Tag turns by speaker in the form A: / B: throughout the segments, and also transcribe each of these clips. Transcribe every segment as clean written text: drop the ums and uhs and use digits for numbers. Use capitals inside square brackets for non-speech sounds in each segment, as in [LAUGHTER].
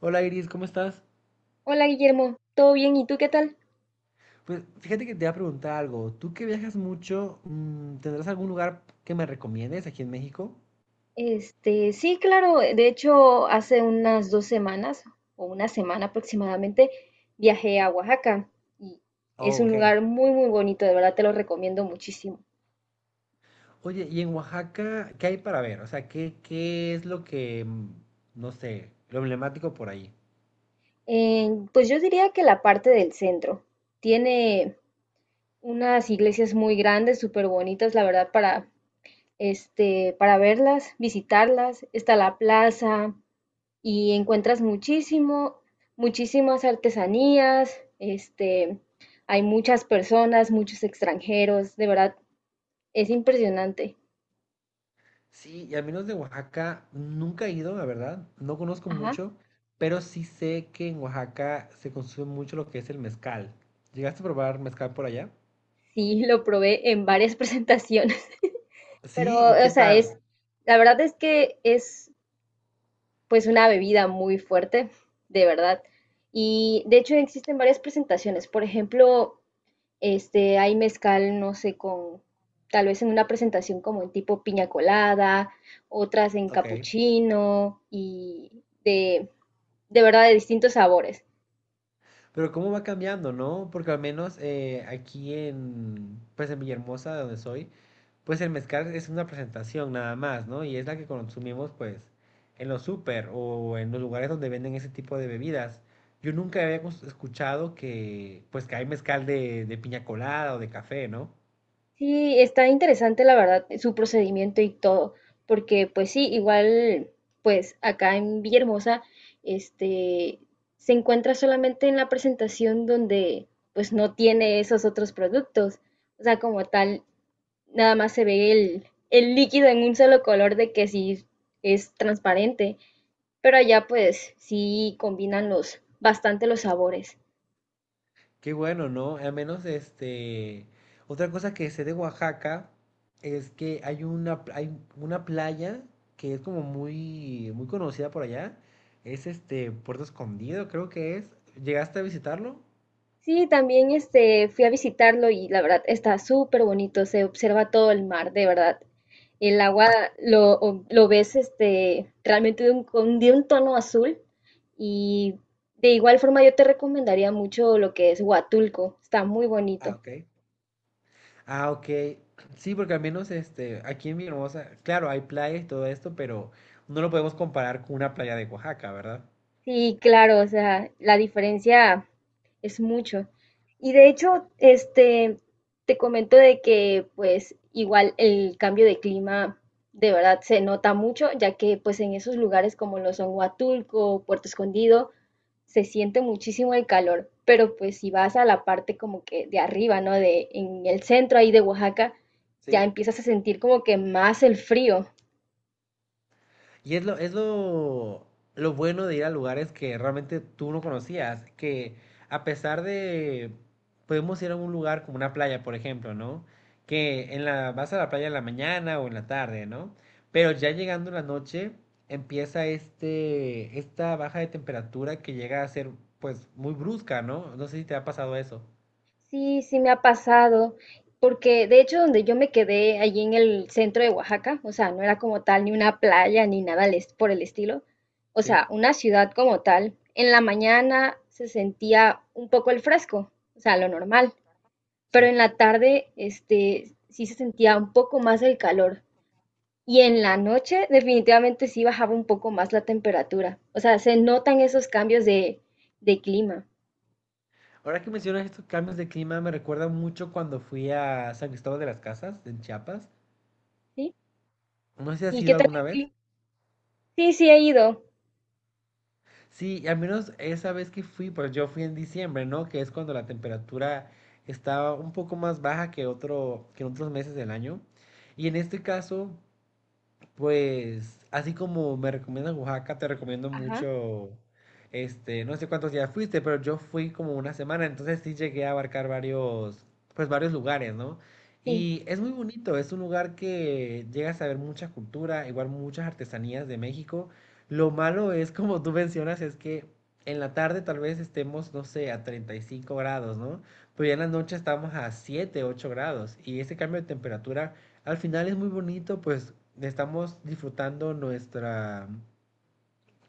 A: Hola, Iris, ¿cómo estás?
B: Hola Guillermo, ¿todo bien? ¿Y tú qué tal?
A: Pues fíjate que te voy a preguntar algo. Tú que viajas mucho, ¿tendrás algún lugar que me recomiendes aquí en México?
B: Sí, claro, de hecho hace unas dos semanas o una semana aproximadamente viajé a Oaxaca y es
A: Oh,
B: un
A: ok.
B: lugar muy muy bonito, de verdad te lo recomiendo muchísimo.
A: Oye, ¿y en Oaxaca qué hay para ver? O sea, ¿qué es lo que, no sé, lo emblemático por ahí?
B: Pues yo diría que la parte del centro tiene unas iglesias muy grandes, súper bonitas, la verdad, para, para verlas, visitarlas. Está la plaza, y encuentras muchísimo, muchísimas artesanías, hay muchas personas, muchos extranjeros, de verdad, es impresionante.
A: Sí, y al menos de Oaxaca nunca he ido, la verdad. No conozco
B: Ajá,
A: mucho, pero sí sé que en Oaxaca se consume mucho lo que es el mezcal. ¿Llegaste a probar mezcal por allá?
B: sí, lo probé en varias [LAUGHS] presentaciones, pero,
A: Sí, ¿y
B: o
A: qué
B: sea, es,
A: tal?
B: la verdad es que es pues una bebida muy fuerte, de verdad. Y de hecho existen varias presentaciones, por ejemplo, hay mezcal, no sé, con tal vez en una presentación como en tipo piña colada, otras en
A: Ok.
B: capuchino de verdad de distintos sabores.
A: Pero cómo va cambiando, ¿no? Porque al menos aquí en, pues en Villahermosa, de donde soy, pues el mezcal es una presentación nada más, ¿no? Y es la que consumimos, pues, en los súper o en los lugares donde venden ese tipo de bebidas. Yo nunca escuchado que, pues, que hay mezcal de, piña colada o de café, ¿no?
B: Sí, está interesante la verdad su procedimiento y todo, porque pues sí, igual pues acá en Villahermosa este se encuentra solamente en la presentación donde pues no tiene esos otros productos. O sea, como tal, nada más se ve el líquido en un solo color de que sí es transparente, pero allá pues sí combinan los bastante los sabores.
A: Qué bueno, ¿no? Al menos este. Otra cosa que sé de Oaxaca es que hay una playa que es como muy, muy conocida por allá. Es este Puerto Escondido, creo que es. ¿Llegaste a visitarlo?
B: Sí, también fui a visitarlo y la verdad está súper bonito, se observa todo el mar, de verdad. El agua lo ves realmente de un, de un tono azul y de igual forma yo te recomendaría mucho lo que es Huatulco, está muy
A: Ah,
B: bonito.
A: ok. Ah, ok. Sí, porque al menos este, aquí en Villahermosa, claro, hay playas y todo esto, pero no lo podemos comparar con una playa de Oaxaca, ¿verdad?
B: Sí, claro, o sea, la diferencia es mucho. Y de hecho, te comento de que pues igual el cambio de clima de verdad se nota mucho, ya que pues en esos lugares como lo son Huatulco, Puerto Escondido, se siente muchísimo el calor, pero pues si vas a la parte como que de arriba, ¿no? De en el centro ahí de Oaxaca, ya
A: Sí.
B: empiezas a sentir como que más el frío.
A: Y es lo, es lo, lo bueno de ir a lugares que realmente tú no conocías, que a pesar de, podemos ir a un lugar como una playa, por ejemplo, ¿no? Que en la, vas a la playa en la mañana o en la tarde, ¿no? Pero ya llegando la noche, empieza este, esta baja de temperatura que llega a ser, pues, muy brusca, ¿no? No sé si te ha pasado eso.
B: Sí, sí me ha pasado, porque de hecho donde yo me quedé allí en el centro de Oaxaca, o sea, no era como tal ni una playa ni nada por el estilo, o
A: Sí,
B: sea, una ciudad como tal, en la mañana se sentía un poco el fresco, o sea, lo normal, pero
A: sí.
B: en la tarde, sí se sentía un poco más el calor y en la noche definitivamente sí bajaba un poco más la temperatura, o sea, se notan esos cambios de clima,
A: Ahora que mencionas estos cambios de clima, me recuerda mucho cuando fui a San Cristóbal de las Casas, en Chiapas.
B: ¿sí?
A: No sé si has
B: ¿Y qué
A: ido
B: tal
A: alguna
B: el
A: vez.
B: clima? Sí, sí he ido.
A: Sí, y al menos esa vez que fui, pues yo fui en diciembre, ¿no? Que es cuando la temperatura estaba un poco más baja que otro, que en otros meses del año. Y en este caso, pues, así como me recomiendan Oaxaca, te recomiendo
B: Ajá.
A: mucho, este, no sé cuántos días fuiste, pero yo fui como una semana, entonces sí llegué a abarcar varios, pues varios lugares, ¿no?
B: Sí,
A: Y es muy bonito, es un lugar que llegas a ver mucha cultura, igual muchas artesanías de México. Lo malo es, como tú mencionas, es que en la tarde tal vez estemos, no sé, a 35 grados, ¿no? Pero ya en la noche estamos a 7 8 grados y ese cambio de temperatura al final es muy bonito, pues estamos disfrutando nuestra,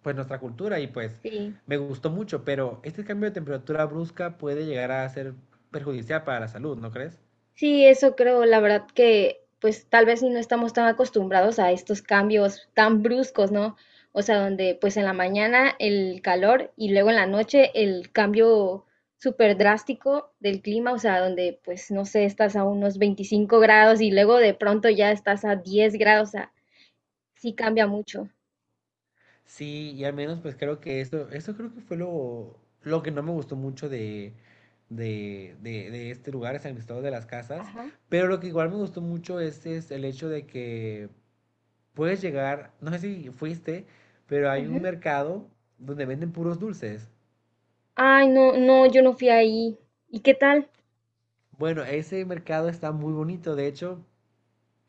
A: pues nuestra cultura y pues
B: sí.
A: me gustó mucho, pero este cambio de temperatura brusca puede llegar a ser perjudicial para la salud, ¿no crees?
B: Sí, eso creo, la verdad que pues tal vez si no estamos tan acostumbrados a estos cambios tan bruscos, ¿no? O sea, donde pues en la mañana el calor y luego en la noche el cambio súper drástico del clima, o sea, donde pues no sé, estás a unos 25 grados y luego de pronto ya estás a 10 grados, o sea, sí cambia mucho.
A: Sí, y al menos pues creo que eso creo que fue lo que no me gustó mucho de este lugar, de San Cristóbal de las Casas,
B: Ajá.
A: pero lo que igual me gustó mucho es el hecho de que puedes llegar, no sé si fuiste, pero hay
B: Ujú.
A: un mercado donde venden puros dulces.
B: Ay, no, no, yo no fui ahí. ¿Y qué tal?
A: Bueno, ese mercado está muy bonito, de hecho,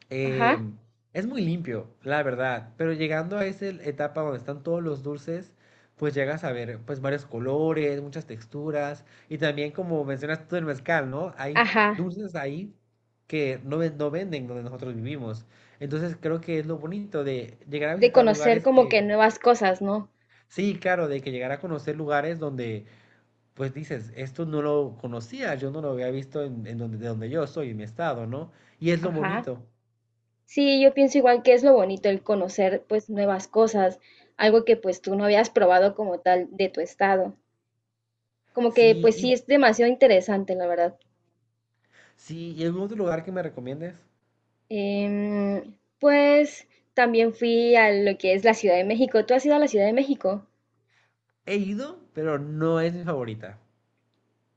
A: eh,
B: Ajá,
A: es muy limpio, la verdad, pero llegando a esa etapa donde están todos los dulces, pues llegas a ver, pues, varios colores, muchas texturas y también como mencionas tú el mezcal, ¿no? Hay
B: ajá.
A: dulces ahí que no venden donde nosotros vivimos. Entonces creo que es lo bonito de llegar a
B: De
A: visitar
B: conocer
A: lugares
B: como que
A: que,
B: nuevas cosas, ¿no?
A: sí, claro, de que llegar a conocer lugares donde pues dices, esto no lo conocía, yo no lo había visto en, donde, de donde yo soy, en mi estado, ¿no? Y es lo
B: Ajá.
A: bonito.
B: Sí, yo pienso igual que es lo bonito el conocer pues nuevas cosas, algo que pues tú no habías probado como tal de tu estado. Como que
A: Sí,
B: pues sí
A: y
B: es demasiado interesante, la verdad.
A: sí, ¿y algún otro lugar que me recomiendes?
B: Pues también fui a lo que es la Ciudad de México. ¿Tú has ido a la Ciudad de México?
A: He ido, pero no es mi favorita.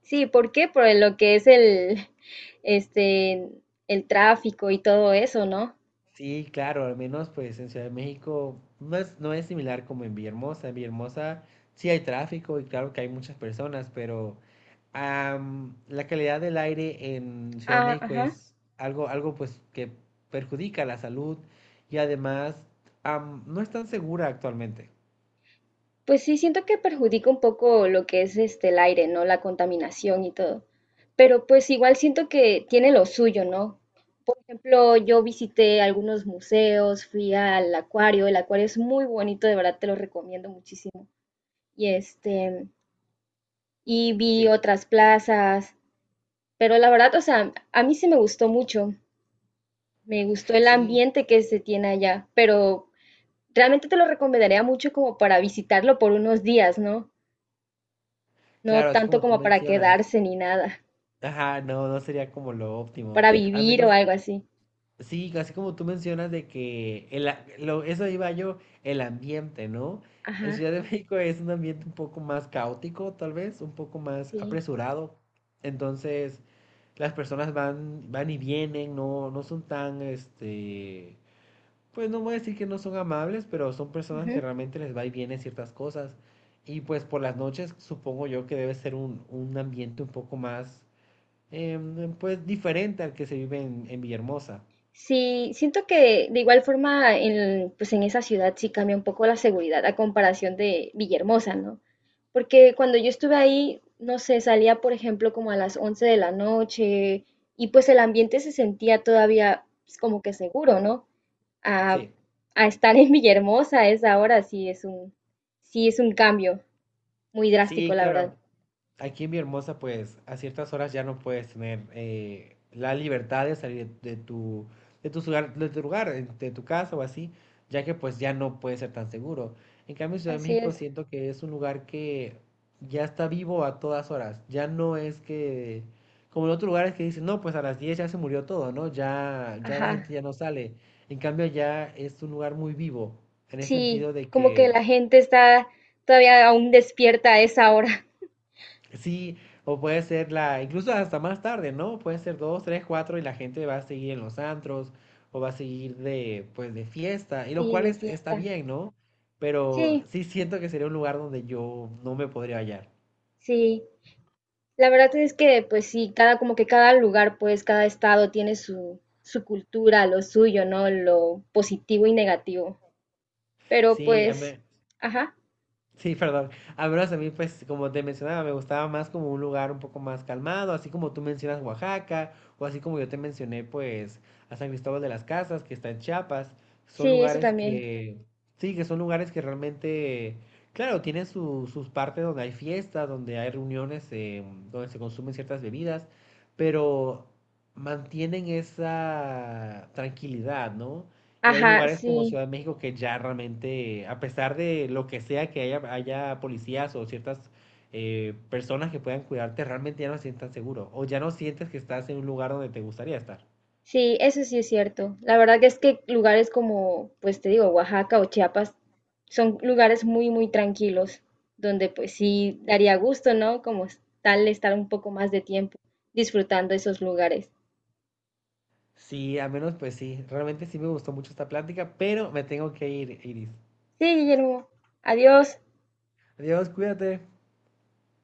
B: Sí, ¿por qué? Por lo que es el, [LAUGHS] este, el tráfico y todo eso, ¿no?
A: Sí, claro, al menos pues en Ciudad de México no es similar como en Villahermosa. En Villahermosa sí hay tráfico y claro que hay muchas personas, pero la calidad del aire en Ciudad de
B: Ah,
A: México
B: ajá.
A: es algo pues que perjudica la salud y además no es tan segura actualmente.
B: Pues sí, siento que perjudica un poco lo que es este el aire, ¿no? La contaminación y todo. Pero pues igual siento que tiene lo suyo, ¿no? Por ejemplo, yo visité algunos museos, fui al acuario, el acuario es muy bonito, de verdad te lo recomiendo muchísimo. Y y vi
A: Sí,
B: otras plazas, pero la verdad, o sea, a mí sí me gustó mucho, me gustó el
A: sí,
B: ambiente que se tiene allá, pero realmente te lo recomendaría mucho como para visitarlo por unos días, ¿no? No
A: claro, así
B: tanto
A: como tú
B: como para
A: mencionas.
B: quedarse ni nada,
A: Ajá, no, no sería como lo óptimo.
B: para
A: Al
B: vivir o
A: menos
B: algo así.
A: sí, así como tú mencionas de que el, lo, eso iba yo, el ambiente, ¿no? En
B: Ajá,
A: Ciudad de México es un ambiente un poco más caótico, tal vez, un poco más
B: sí.
A: apresurado. Entonces, las personas van y vienen, no son tan, este, pues no voy a decir que no son amables, pero son personas que
B: Ujú.
A: realmente les va y viene ciertas cosas. Y pues por las noches supongo yo que debe ser un ambiente un poco más, pues diferente al que se vive en, Villahermosa.
B: Sí, siento que de igual forma en, pues en esa ciudad sí cambia un poco la seguridad a comparación de Villahermosa, ¿no? Porque cuando yo estuve ahí, no sé, salía por ejemplo como a las 11 de la noche y pues el ambiente se sentía todavía pues, como que seguro, ¿no? A,
A: Sí.
B: a estar en Villahermosa a esa hora sí es sí es un cambio muy drástico,
A: Sí,
B: la verdad.
A: claro. Aquí en Mi Hermosa, pues a ciertas horas ya no puedes tener la libertad de salir de tu, de tu lugar, de tu casa o así, ya que pues ya no puede ser tan seguro. En cambio, Ciudad de
B: Así
A: México
B: es.
A: siento que es un lugar que ya está vivo a todas horas. Ya no es que, como en otros lugares que dicen, no, pues a las 10 ya se murió todo, ¿no? Ya, ya la
B: Ajá,
A: gente ya no sale. En cambio, ya es un lugar muy vivo, en el
B: sí,
A: sentido de
B: como que
A: que
B: la gente está todavía aún despierta a esa hora, [LAUGHS]
A: sí, o puede ser la, incluso hasta más tarde, ¿no? Puede ser dos, tres, cuatro y la gente va a seguir en los antros o va a seguir de, pues, de fiesta, y lo
B: sí,
A: cual
B: de
A: es, está
B: fiesta.
A: bien, ¿no? Pero
B: Sí,
A: sí siento que sería un lugar donde yo no me podría hallar.
B: sí. La verdad es que, pues sí, como que cada lugar, pues, cada estado tiene su cultura, lo suyo, ¿no? Lo positivo y negativo. Pero
A: Sí,
B: pues, ajá,
A: sí, perdón. Al menos a mí, pues, como te mencionaba, me gustaba más como un lugar un poco más calmado, así como tú mencionas Oaxaca, o así como yo te mencioné, pues, a San Cristóbal de las Casas, que está en Chiapas. Son
B: sí, eso
A: lugares
B: también.
A: que, sí, que son lugares que realmente, claro, tienen sus partes donde hay fiestas, donde hay reuniones, donde se consumen ciertas bebidas, pero mantienen esa tranquilidad, ¿no? Y hay
B: Ajá,
A: lugares como
B: sí.
A: Ciudad de México que ya realmente, a pesar de lo que sea que haya, haya policías o ciertas personas que puedan cuidarte, realmente ya no te sientes tan seguro o ya no sientes que estás en un lugar donde te gustaría estar.
B: Sí, eso sí es cierto. La verdad que es que lugares como, pues te digo, Oaxaca o Chiapas son lugares muy, muy tranquilos, donde pues sí daría gusto, ¿no? Tal estar un poco más de tiempo disfrutando esos lugares.
A: Sí, al menos pues sí, realmente sí me gustó mucho esta plática, pero me tengo que ir, Iris.
B: Sí, Guillermo. Adiós.
A: Adiós, cuídate.